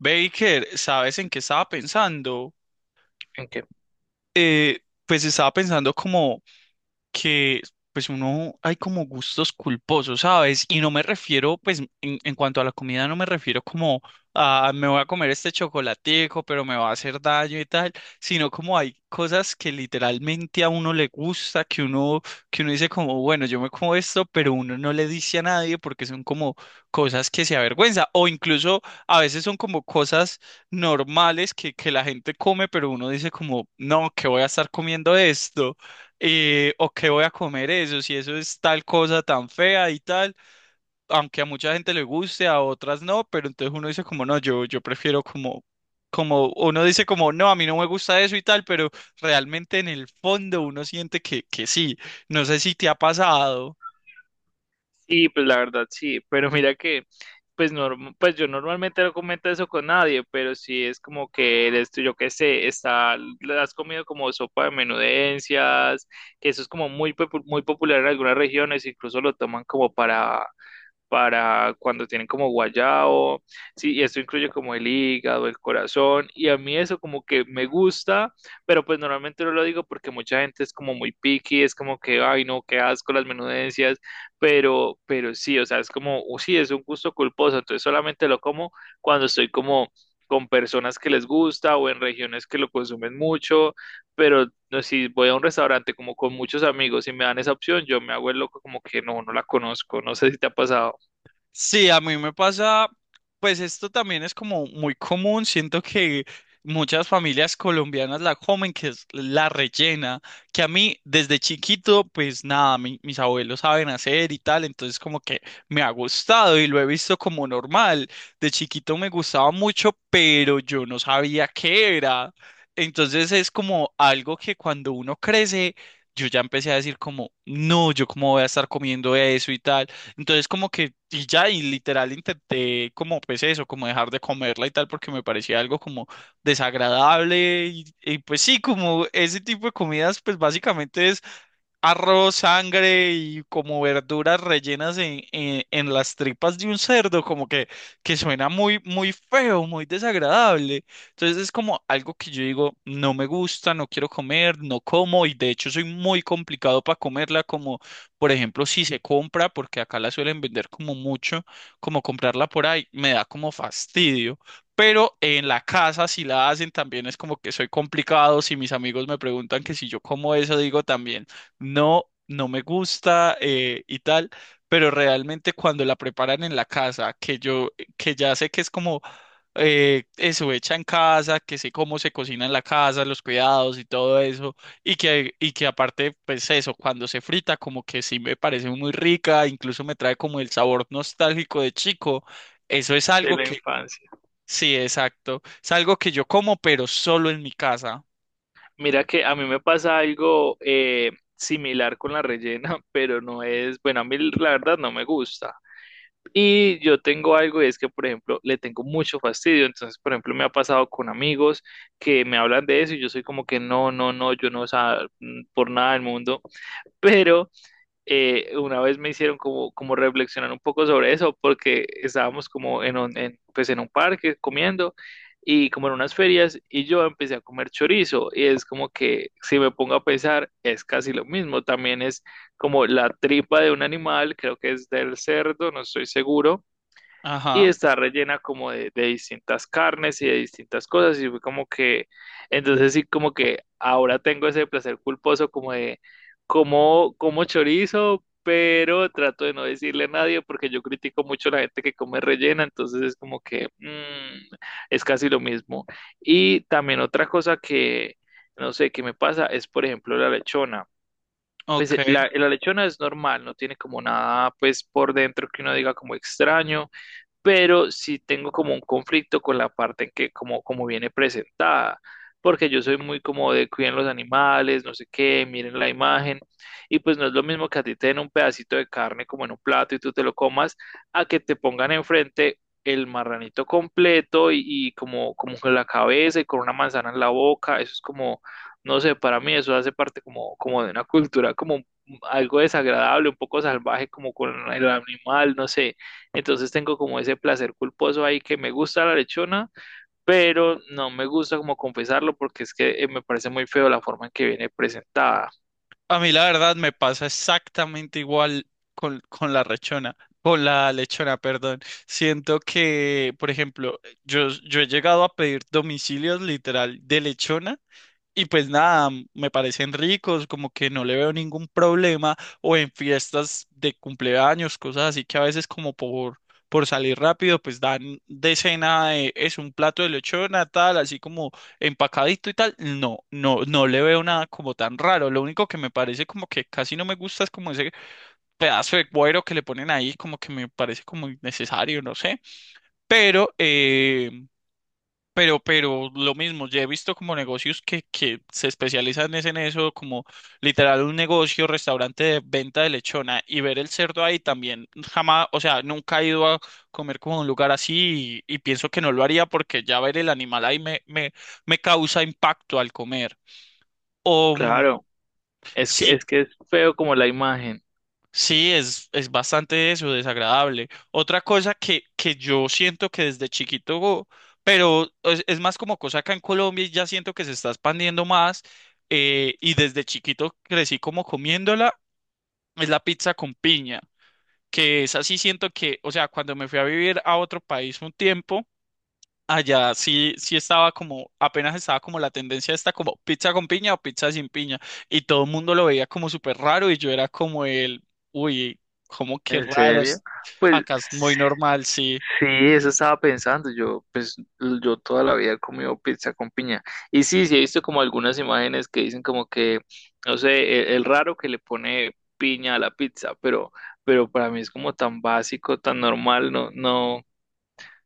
Baker, ¿sabes en qué estaba pensando? ¿En qué? Eh, pues estaba pensando como que pues uno hay como gustos culposos, ¿sabes? Y no me refiero, pues en cuanto a la comida, no me refiero como a me voy a comer este chocolatico, pero me va a hacer daño y tal, sino como hay cosas que literalmente a uno le gusta, que uno dice como, bueno, yo me como esto, pero uno no le dice a nadie porque son como cosas que se avergüenza, o incluso a veces son como cosas normales que la gente come, pero uno dice como, no, que voy a estar comiendo esto, o qué voy a comer eso, si eso es tal cosa tan fea y tal, aunque a mucha gente le guste, a otras no, pero entonces uno dice como no, yo prefiero como, uno dice como no, a mí no me gusta eso y tal, pero realmente en el fondo uno siente que sí, no sé si te ha pasado. Sí, pues la verdad sí, pero mira que, pues, pues yo normalmente no comento eso con nadie, pero sí es como que eres tú, yo qué sé, está, le has comido como sopa de menudencias, que eso es como muy, muy popular en algunas regiones, incluso lo toman como para cuando tienen como guayao, sí, y esto incluye como el hígado, el corazón, y a mí eso como que me gusta, pero pues normalmente no lo digo porque mucha gente es como muy picky, es como que, ay no, qué asco las menudencias, pero, sí, o sea, es como, "Oh, sí, es un gusto culposo", entonces solamente lo como cuando estoy como con personas que les gusta o en regiones que lo consumen mucho, pero no, si voy a un restaurante como con muchos amigos y me dan esa opción, yo me hago el loco como que no, no la conozco, no sé si te ha pasado Sí, a mí me pasa, pues esto también es como muy común, siento que muchas familias colombianas la comen, que es la rellena, que a mí desde chiquito, pues nada, mis abuelos saben hacer y tal, entonces como que me ha gustado y lo he visto como normal. De chiquito me gustaba mucho, pero yo no sabía qué era. Entonces es como algo que cuando uno crece, yo ya empecé a decir como, no, yo cómo voy a estar comiendo eso y tal. Entonces como que, y ya, y literal intenté como pues eso, como dejar de comerla y tal, porque me parecía algo como desagradable y pues sí, como ese tipo de comidas pues básicamente es arroz, sangre y como verduras rellenas en las tripas de un cerdo, como que suena muy feo, muy desagradable. Entonces es como algo que yo digo, no me gusta, no quiero comer, no como y de hecho soy muy complicado para comerla, como por ejemplo si se compra, porque acá la suelen vender como mucho, como comprarla por ahí, me da como fastidio. Pero en la casa, si la hacen, también es como que soy complicado. Si mis amigos me preguntan que si yo como eso, digo también no me gusta, y tal, pero realmente cuando la preparan en la casa, que ya sé que es como eso hecha en casa, que sé cómo se cocina en la casa, los cuidados y todo eso, y que aparte, pues eso, cuando se frita, como que sí me parece muy rica, incluso me trae como el sabor nostálgico de chico, eso es de algo la que, infancia. sí, exacto, es algo que yo como, pero solo en mi casa. Mira que a mí me pasa algo similar con la rellena, pero no es, bueno, a mí la verdad no me gusta. Y yo tengo algo y es que, por ejemplo, le tengo mucho fastidio. Entonces, por ejemplo, me ha pasado con amigos que me hablan de eso y yo soy como que no, no, no, yo no, o sea, mm, por nada del mundo. Pero una vez me hicieron como, como reflexionar un poco sobre eso, porque estábamos como pues en un parque comiendo y como en unas ferias, y yo empecé a comer chorizo y es como que si me pongo a pensar es casi lo mismo, también es como la tripa de un animal, creo que es del cerdo, no estoy seguro, y Ajá, está rellena como de, distintas carnes y de distintas cosas, y fue como que, entonces sí, como que ahora tengo ese placer culposo como de, como, como chorizo, pero trato de no decirle a nadie porque yo critico mucho a la gente que come rellena, entonces es como que mm, es casi lo mismo. Y también otra cosa que, no sé, que me pasa es, por ejemplo, la lechona. Pues ok. La lechona es normal, no tiene como nada, pues por dentro que uno diga como extraño, pero sí tengo como un conflicto con la parte en que como, como viene presentada, porque yo soy muy como de cuiden los animales, no sé qué, miren la imagen, y pues no es lo mismo que a ti te den un pedacito de carne como en un plato y tú te lo comas, a que te pongan enfrente el marranito completo y como, como con la cabeza y con una manzana en la boca, eso es como, no sé, para mí eso hace parte como, como de una cultura como algo desagradable, un poco salvaje como con el animal, no sé. Entonces tengo como ese placer culposo ahí que me gusta la lechona, pero no me gusta como confesarlo porque es que me parece muy feo la forma en que viene presentada. A mí la verdad me pasa exactamente igual con la con la lechona, perdón. Siento que, por ejemplo, yo he llegado a pedir domicilios literal de lechona. Y pues nada, me parecen ricos, como que no le veo ningún problema, o en fiestas de cumpleaños, cosas así que a veces como por salir rápido, pues dan de cena, es un plato de lechona, tal, así como empacadito y tal. No, no le veo nada como tan raro. Lo único que me parece como que casi no me gusta es como ese pedazo de cuero que le ponen ahí, como que me parece como innecesario, no sé. Pero, eh, pero lo mismo, ya he visto como negocios que se especializan es en eso, como literal un negocio, restaurante de venta de lechona y ver el cerdo ahí también jamás, o sea, nunca he ido a comer como a un lugar así y pienso que no lo haría porque ya ver el animal ahí me causa impacto al comer. O mm, Claro, es que sí, es feo como la imagen. sí, es bastante eso, desagradable. Otra cosa que yo siento que desde chiquito, pero es más como cosa acá en Colombia y ya siento que se está expandiendo más, y desde chiquito crecí como comiéndola, es la pizza con piña, que es así siento que, o sea, cuando me fui a vivir a otro país un tiempo, allá sí estaba como, apenas estaba como la tendencia esta como pizza con piña o pizza sin piña. Y todo el mundo lo veía como súper raro y yo era como el, uy, como que ¿En raro. serio? Pues Acá es muy normal, sí. sí, eso estaba pensando. Yo, pues, yo toda la vida he comido pizza con piña. Y sí, sí he visto como algunas imágenes que dicen como que, no sé, el raro que le pone piña a la pizza, pero para mí es como tan básico, tan normal, no, no.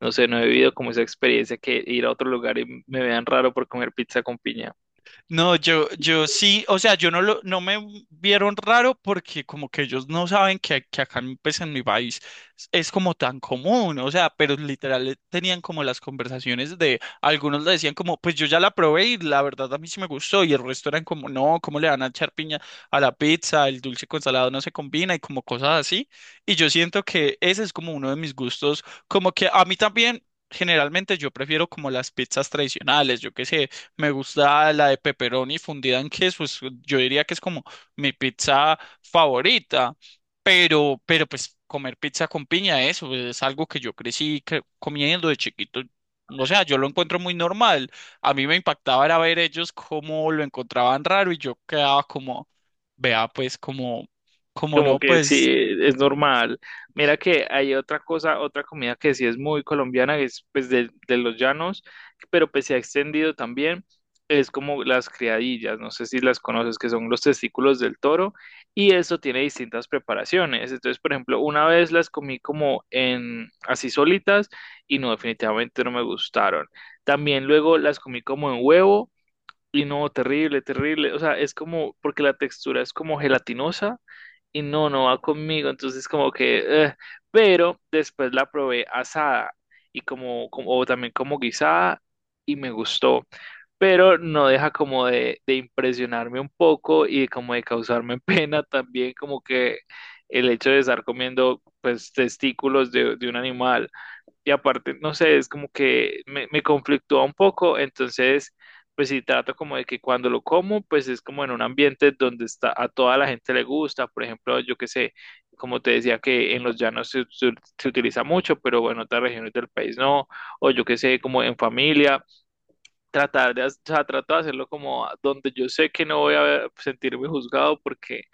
No sé, no he vivido como esa experiencia que ir a otro lugar y me vean raro por comer pizza con piña. No, yo sí, o sea, yo no lo, no me vieron raro porque como que ellos no saben que acá en, pues, en mi país es como tan común, o sea, pero literal tenían como las conversaciones de, algunos le decían como, pues yo ya la probé y la verdad a mí sí me gustó y el resto eran como, no, ¿cómo le van a echar piña a la pizza? El dulce con salado no se combina y como cosas así. Y yo siento que ese es como uno de mis gustos, como que a mí también. Generalmente yo prefiero como las pizzas tradicionales, yo qué sé, me gusta la de pepperoni fundida en queso. Yo diría que es como mi pizza favorita. Pero pues comer pizza con piña, eso es algo que yo crecí comiendo de chiquito. O sea, yo lo encuentro muy normal. A mí me impactaba era ver ellos cómo lo encontraban raro y yo quedaba como, vea, pues como, como Como no, que sí, pues, es normal. Mira que hay otra cosa, otra comida que sí es muy colombiana, que es pues de, los llanos, pero pues se ha extendido también, es como las criadillas, no sé si las conoces, que son los testículos del toro, y eso tiene distintas preparaciones. Entonces, por ejemplo, una vez las comí como en así solitas y no, definitivamente no me gustaron. También luego las comí como en huevo. Y no, terrible, terrible. O sea, es como, porque la textura es como gelatinosa, y no, no va conmigo, entonces como que, pero después la probé asada y como, o también como guisada y me gustó, pero no deja como de, impresionarme un poco y como de causarme pena también, como que el hecho de estar comiendo pues testículos de, un animal y aparte, no sé, es como que me conflictúa un poco, entonces, pues sí, trato como de que cuando lo como, pues es como en un ambiente donde está, a toda la gente le gusta, por ejemplo, yo qué sé, como te decía que en los llanos se utiliza mucho, pero en otras regiones del país no, o yo qué sé, como en familia, tratar de, o sea, trato de hacerlo como donde yo sé que no voy a sentirme juzgado porque,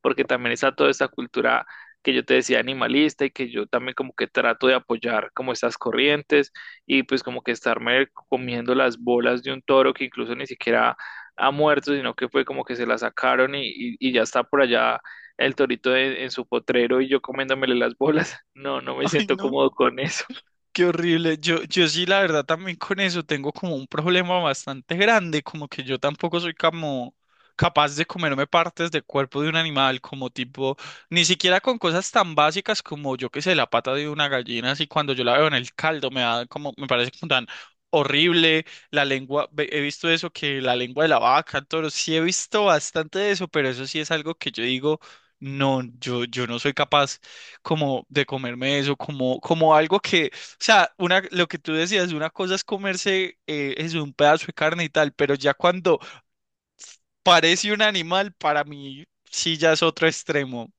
porque también está toda esta cultura que yo te decía animalista y que yo también como que trato de apoyar como estas corrientes, y pues como que estarme comiendo las bolas de un toro que incluso ni siquiera ha muerto, sino que fue como que se la sacaron y, y ya está por allá el torito en su potrero y yo comiéndomele las bolas. No, no me Ay, siento no. cómodo con eso. Qué horrible. Yo sí, la verdad, también con eso tengo como un problema bastante grande, como que yo tampoco soy como capaz de comerme partes del cuerpo de un animal, como tipo, ni siquiera con cosas tan básicas como yo que sé, la pata de una gallina, así cuando yo la veo en el caldo me da como, me parece como tan horrible, la lengua, he visto eso que la lengua de la vaca, el toro, sí he visto bastante de eso, pero eso sí es algo que yo digo, no, yo no soy capaz como de comerme eso, como algo que o sea, una, lo que tú decías, una cosa es comerse es un pedazo de carne y tal, pero ya cuando parece un animal, para mí sí ya es otro extremo.